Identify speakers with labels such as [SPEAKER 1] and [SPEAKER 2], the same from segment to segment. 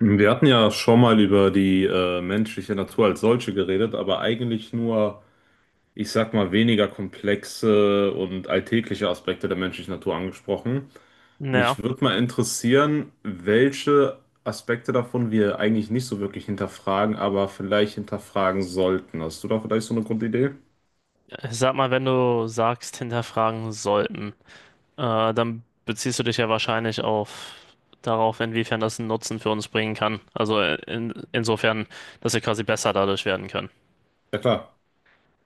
[SPEAKER 1] Wir hatten ja schon mal über die menschliche Natur als solche geredet, aber eigentlich nur, ich sag mal, weniger komplexe und alltägliche Aspekte der menschlichen Natur angesprochen.
[SPEAKER 2] Ja,
[SPEAKER 1] Mich würde mal interessieren, welche Aspekte davon wir eigentlich nicht so wirklich hinterfragen, aber vielleicht hinterfragen sollten. Hast du da vielleicht so eine Grundidee?
[SPEAKER 2] ich sag mal, wenn du sagst, hinterfragen sollten, dann beziehst du dich ja wahrscheinlich auf darauf, inwiefern das einen Nutzen für uns bringen kann. Also insofern, dass wir quasi besser dadurch werden können.
[SPEAKER 1] Ja, klar.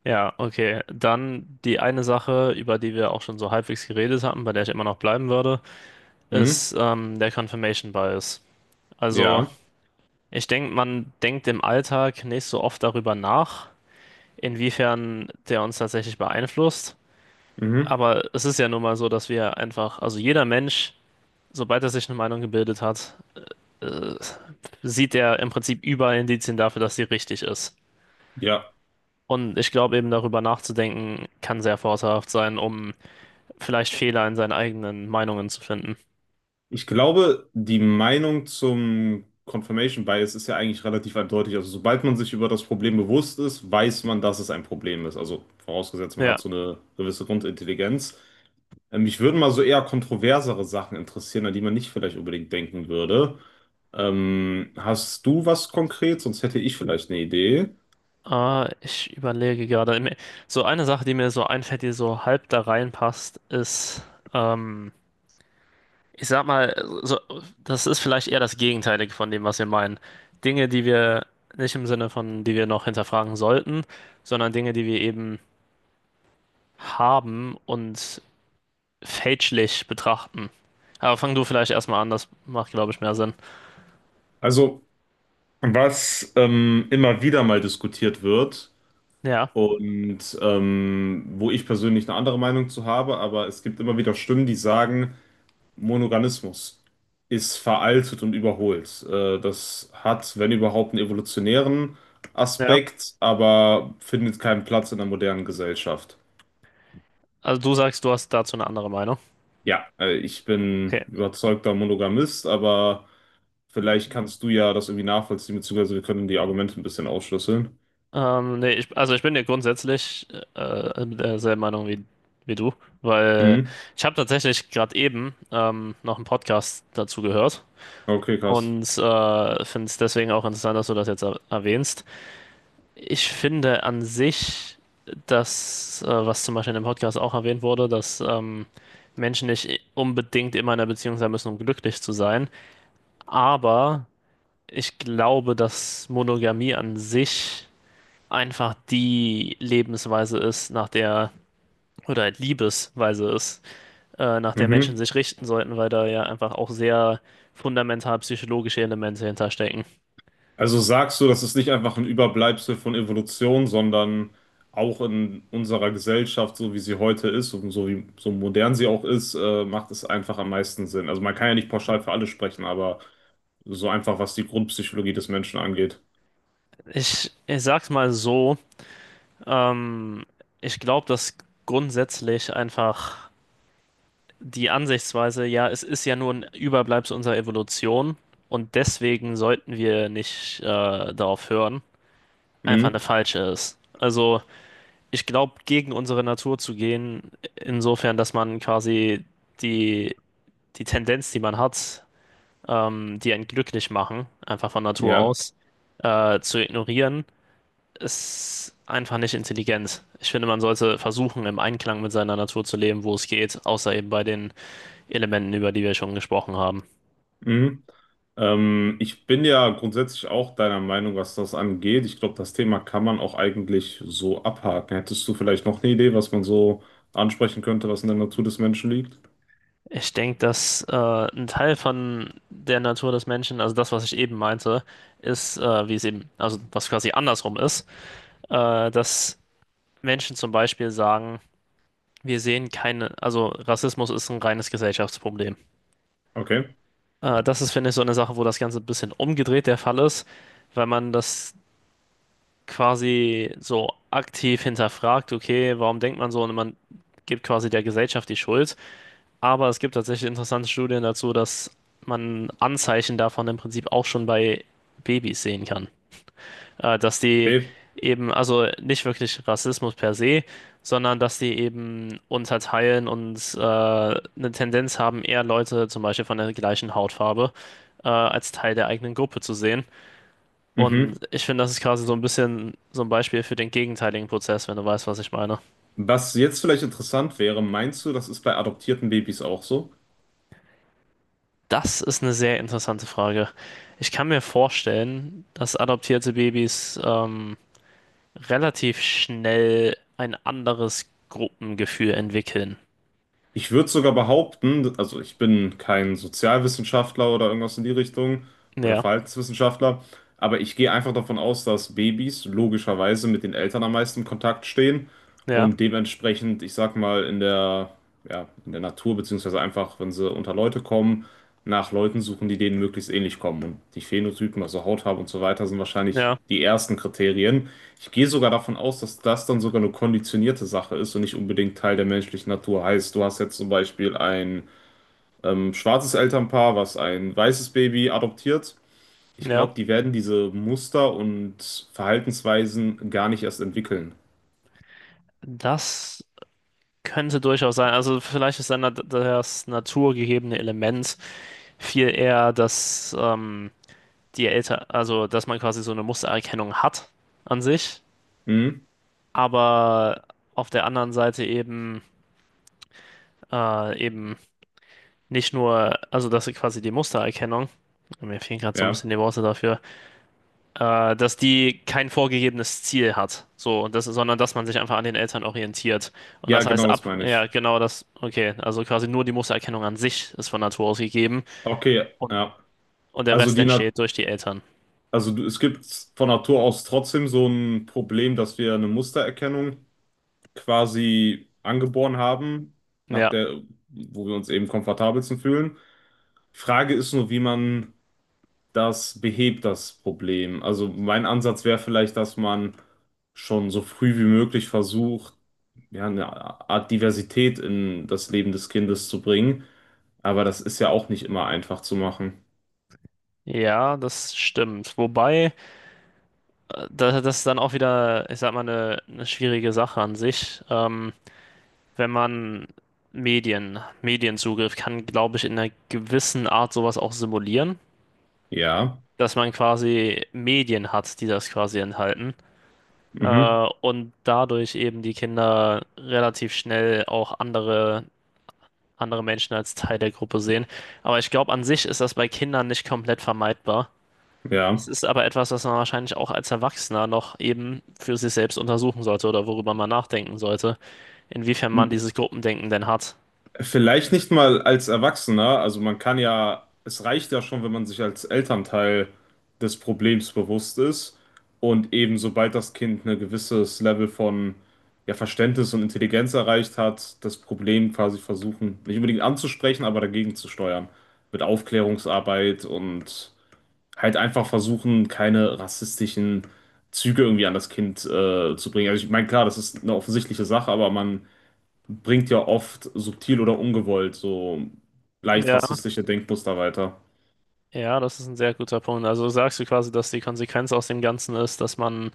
[SPEAKER 2] Ja, okay. Dann die eine Sache, über die wir auch schon so halbwegs geredet hatten, bei der ich immer noch bleiben würde,
[SPEAKER 1] Hm?
[SPEAKER 2] ist der Confirmation Bias. Also
[SPEAKER 1] Ja.
[SPEAKER 2] ich denke, man denkt im Alltag nicht so oft darüber nach, inwiefern der uns tatsächlich beeinflusst.
[SPEAKER 1] Mhm.
[SPEAKER 2] Aber es ist ja nun mal so, dass wir einfach, also jeder Mensch, sobald er sich eine Meinung gebildet hat, äh, sieht er im Prinzip überall Indizien dafür, dass sie richtig ist.
[SPEAKER 1] Ja.
[SPEAKER 2] Und ich glaube, eben darüber nachzudenken, kann sehr vorteilhaft sein, um vielleicht Fehler in seinen eigenen Meinungen zu finden.
[SPEAKER 1] Ich glaube, die Meinung zum Confirmation Bias ist ja eigentlich relativ eindeutig. Also, sobald man sich über das Problem bewusst ist, weiß man, dass es ein Problem ist. Also, vorausgesetzt, man
[SPEAKER 2] Ja,
[SPEAKER 1] hat so eine gewisse Grundintelligenz. Mich würden mal so eher kontroversere Sachen interessieren, an die man nicht vielleicht unbedingt denken würde. Hast du was konkret? Sonst hätte ich vielleicht eine Idee.
[SPEAKER 2] ich überlege gerade. So eine Sache, die mir so einfällt, die so halb da reinpasst, ist ähm, ich sag mal, so, das ist vielleicht eher das Gegenteilige von dem, was wir meinen. Dinge, die wir nicht im Sinne von, die wir noch hinterfragen sollten, sondern Dinge, die wir eben haben und fälschlich betrachten. Aber fang du vielleicht erstmal an, das macht, glaube ich, mehr Sinn.
[SPEAKER 1] Also, was immer wieder mal diskutiert wird.
[SPEAKER 2] Ja,
[SPEAKER 1] Und wo ich persönlich eine andere Meinung zu habe, aber es gibt immer wieder Stimmen, die sagen, Monogamismus ist veraltet und überholt. Das hat, wenn überhaupt, einen evolutionären
[SPEAKER 2] ja.
[SPEAKER 1] Aspekt, aber findet keinen Platz in der modernen Gesellschaft.
[SPEAKER 2] Also du sagst, du hast dazu eine andere Meinung.
[SPEAKER 1] Ja, ich bin
[SPEAKER 2] Okay.
[SPEAKER 1] überzeugter Monogamist, aber vielleicht kannst du ja das irgendwie nachvollziehen, beziehungsweise wir können die Argumente ein bisschen aufschlüsseln.
[SPEAKER 2] Nee, ich, also ich bin ja grundsätzlich derselben Meinung wie, wie du, weil
[SPEAKER 1] Mhm.
[SPEAKER 2] ich habe tatsächlich gerade eben noch einen Podcast dazu gehört.
[SPEAKER 1] Okay, krass.
[SPEAKER 2] Und finde es deswegen auch interessant, dass du das jetzt er erwähnst. Ich finde an sich, dass, was zum Beispiel in dem Podcast auch erwähnt wurde, dass Menschen nicht unbedingt immer in einer Beziehung sein müssen, um glücklich zu sein. Aber ich glaube, dass Monogamie an sich einfach die Lebensweise ist, nach der, oder halt Liebesweise ist, nach der Menschen
[SPEAKER 1] Mhm.
[SPEAKER 2] sich richten sollten, weil da ja einfach auch sehr fundamental psychologische Elemente hinterstecken.
[SPEAKER 1] Also sagst du, das ist nicht einfach ein Überbleibsel von Evolution, sondern auch in unserer Gesellschaft, so wie sie heute ist und so wie so modern sie auch ist, macht es einfach am meisten Sinn. Also man kann ja nicht pauschal für alle sprechen, aber so einfach, was die Grundpsychologie des Menschen angeht.
[SPEAKER 2] Ich sag's mal so, ähm, ich glaube, dass grundsätzlich einfach die Ansichtsweise, ja, es ist ja nur ein Überbleibsel unserer Evolution und deswegen sollten wir nicht darauf hören, einfach eine
[SPEAKER 1] Mhm.
[SPEAKER 2] falsche ist. Also ich glaube, gegen unsere Natur zu gehen, insofern, dass man quasi die, die Tendenz, die man hat, die einen glücklich machen, einfach von Natur
[SPEAKER 1] Ja.
[SPEAKER 2] aus, zu ignorieren ist einfach nicht intelligent. Ich finde, man sollte versuchen, im Einklang mit seiner Natur zu leben, wo es geht, außer eben bei den Elementen, über die wir schon gesprochen haben.
[SPEAKER 1] Mhm. Ich bin ja grundsätzlich auch deiner Meinung, was das angeht. Ich glaube, das Thema kann man auch eigentlich so abhaken. Hättest du vielleicht noch eine Idee, was man so ansprechen könnte, was in der Natur des Menschen liegt?
[SPEAKER 2] Ich denke, dass ein Teil von der Natur des Menschen, also das, was ich eben meinte, ist, wie es eben, also was quasi andersrum ist, dass Menschen zum Beispiel sagen, wir sehen keine, also Rassismus ist ein reines Gesellschaftsproblem.
[SPEAKER 1] Okay.
[SPEAKER 2] Das ist, finde ich, so eine Sache, wo das Ganze ein bisschen umgedreht der Fall ist, weil man das quasi so aktiv hinterfragt, okay, warum denkt man so und man gibt quasi der Gesellschaft die Schuld. Aber es gibt tatsächlich interessante Studien dazu, dass man Anzeichen davon im Prinzip auch schon bei Babys sehen kann. Dass die
[SPEAKER 1] Okay,
[SPEAKER 2] eben, also nicht wirklich Rassismus per se, sondern dass die eben unterteilen und eine Tendenz haben, eher Leute zum Beispiel von der gleichen Hautfarbe als Teil der eigenen Gruppe zu sehen. Und
[SPEAKER 1] Mhm.
[SPEAKER 2] ich finde, das ist quasi so ein bisschen so ein Beispiel für den gegenteiligen Prozess, wenn du weißt, was ich meine.
[SPEAKER 1] Was jetzt vielleicht interessant wäre, meinst du, das ist bei adoptierten Babys auch so?
[SPEAKER 2] Das ist eine sehr interessante Frage. Ich kann mir vorstellen, dass adoptierte Babys relativ schnell ein anderes Gruppengefühl entwickeln.
[SPEAKER 1] Ich würde sogar behaupten, also ich bin kein Sozialwissenschaftler oder irgendwas in die Richtung oder
[SPEAKER 2] Ja,
[SPEAKER 1] Verhaltenswissenschaftler, aber ich gehe einfach davon aus, dass Babys logischerweise mit den Eltern am meisten in Kontakt stehen
[SPEAKER 2] ja,
[SPEAKER 1] und dementsprechend, ich sag mal, in der, ja, in der Natur, beziehungsweise einfach, wenn sie unter Leute kommen, nach Leuten suchen, die denen möglichst ähnlich kommen. Und die Phänotypen, also Hautfarbe und so weiter, sind wahrscheinlich
[SPEAKER 2] ja,
[SPEAKER 1] die ersten Kriterien. Ich gehe sogar davon aus, dass das dann sogar eine konditionierte Sache ist und nicht unbedingt Teil der menschlichen Natur. Heißt, du hast jetzt zum Beispiel ein schwarzes Elternpaar, was ein weißes Baby adoptiert. Ich
[SPEAKER 2] ja.
[SPEAKER 1] glaube, die werden diese Muster und Verhaltensweisen gar nicht erst entwickeln.
[SPEAKER 2] Das könnte durchaus sein. Also vielleicht ist dann das naturgegebene Element viel eher, dass die Eltern, also dass man quasi so eine Mustererkennung hat an sich,
[SPEAKER 1] Hm?
[SPEAKER 2] aber auf der anderen Seite eben, eben nicht nur, also dass sie quasi die Mustererkennung, mir fehlen gerade so ein
[SPEAKER 1] Ja.
[SPEAKER 2] bisschen die Worte dafür, dass die kein vorgegebenes Ziel hat, so, und das, sondern dass man sich einfach an den Eltern orientiert. Und
[SPEAKER 1] Ja,
[SPEAKER 2] das
[SPEAKER 1] genau
[SPEAKER 2] heißt
[SPEAKER 1] das
[SPEAKER 2] ab,
[SPEAKER 1] meine
[SPEAKER 2] ja,
[SPEAKER 1] ich.
[SPEAKER 2] genau das, okay, also quasi nur die Mustererkennung an sich ist von Natur aus gegeben
[SPEAKER 1] Okay,
[SPEAKER 2] und,
[SPEAKER 1] ja.
[SPEAKER 2] und der
[SPEAKER 1] Also
[SPEAKER 2] Rest
[SPEAKER 1] die Na
[SPEAKER 2] entsteht durch die Eltern.
[SPEAKER 1] also du, es gibt von Natur aus trotzdem so ein Problem, dass wir eine Mustererkennung quasi angeboren haben, nach
[SPEAKER 2] Ja.
[SPEAKER 1] der, wo wir uns eben komfortabelsten fühlen. Frage ist nur, wie man das behebt, das Problem. Also mein Ansatz wäre vielleicht, dass man schon so früh wie möglich versucht, ja, eine Art Diversität in das Leben des Kindes zu bringen. Aber das ist ja auch nicht immer einfach zu machen.
[SPEAKER 2] Ja, das stimmt. Wobei, das ist dann auch wieder, ich sag mal, eine schwierige Sache an sich. Wenn man Medienzugriff kann, glaube ich, in einer gewissen Art sowas auch simulieren,
[SPEAKER 1] Ja.
[SPEAKER 2] dass man quasi Medien hat, die das quasi enthalten.
[SPEAKER 1] Mhm.
[SPEAKER 2] Und dadurch eben die Kinder relativ schnell auch andere Menschen als Teil der Gruppe sehen. Aber ich glaube, an sich ist das bei Kindern nicht komplett vermeidbar. Es
[SPEAKER 1] Ja.
[SPEAKER 2] ist aber etwas, was man wahrscheinlich auch als Erwachsener noch eben für sich selbst untersuchen sollte oder worüber man nachdenken sollte, inwiefern man dieses Gruppendenken denn hat.
[SPEAKER 1] Vielleicht nicht mal als Erwachsener, also man kann ja, es reicht ja schon, wenn man sich als Elternteil des Problems bewusst ist und eben sobald das Kind ein gewisses Level von ja, Verständnis und Intelligenz erreicht hat, das Problem quasi versuchen, nicht unbedingt anzusprechen, aber dagegen zu steuern. Mit Aufklärungsarbeit und halt einfach versuchen, keine rassistischen Züge irgendwie an das Kind zu bringen. Also ich meine, klar, das ist eine offensichtliche Sache, aber man bringt ja oft subtil oder ungewollt so leicht
[SPEAKER 2] Ja.
[SPEAKER 1] rassistische Denkmuster weiter.
[SPEAKER 2] Ja, das ist ein sehr guter Punkt. Also sagst du quasi, dass die Konsequenz aus dem Ganzen ist, dass man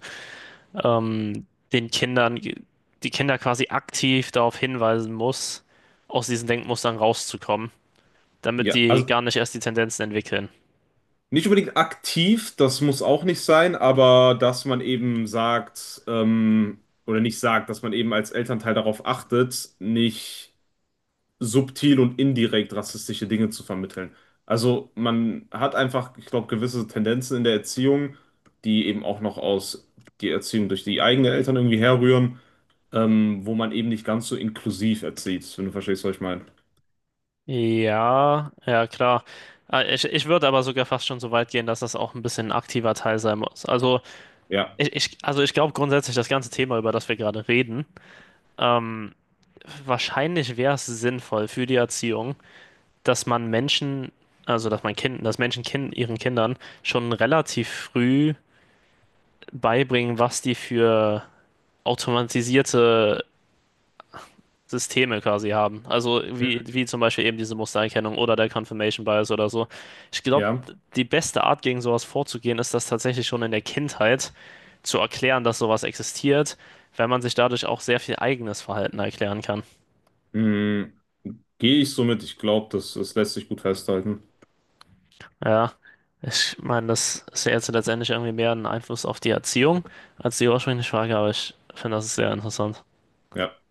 [SPEAKER 2] ähm, die Kinder quasi aktiv darauf hinweisen muss, aus diesen Denkmustern rauszukommen, damit
[SPEAKER 1] Ja,
[SPEAKER 2] die
[SPEAKER 1] also
[SPEAKER 2] gar nicht erst die Tendenzen entwickeln.
[SPEAKER 1] nicht unbedingt aktiv, das muss auch nicht sein, aber dass man eben sagt, oder nicht sagt, dass man eben als Elternteil darauf achtet, nicht subtil und indirekt rassistische Dinge zu vermitteln. Also man hat einfach, ich glaube, gewisse Tendenzen in der Erziehung, die eben auch noch aus die Erziehung durch die eigenen Eltern irgendwie herrühren wo man eben nicht ganz so inklusiv erzieht, wenn du verstehst, was ich meine.
[SPEAKER 2] Ja, ja, klar. Ich, ich würde aber sogar fast schon so weit gehen, dass das auch ein bisschen ein aktiver Teil sein muss. Also
[SPEAKER 1] Ja.
[SPEAKER 2] also ich glaube grundsätzlich, das ganze Thema, über das wir gerade reden, ähm, wahrscheinlich wäre es sinnvoll für die Erziehung, dass man Menschen, also dass man Kind, dass Menschen kind, ihren Kindern schon relativ früh beibringen, was die für automatisierte Systeme quasi haben. Also wie zum Beispiel eben diese Mustererkennung oder der Confirmation Bias oder so. Ich glaube,
[SPEAKER 1] Ja.
[SPEAKER 2] die beste Art, gegen sowas vorzugehen, ist das tatsächlich schon in der Kindheit zu erklären, dass sowas existiert, weil man sich dadurch auch sehr viel eigenes Verhalten erklären kann.
[SPEAKER 1] Mhm. Gehe ich so mit. Ich glaube, das, das lässt sich gut festhalten.
[SPEAKER 2] Ja, ich meine, das ist ja jetzt letztendlich irgendwie mehr ein Einfluss auf die Erziehung als die ursprüngliche Frage, aber ich finde, das ist sehr interessant.
[SPEAKER 1] Ja.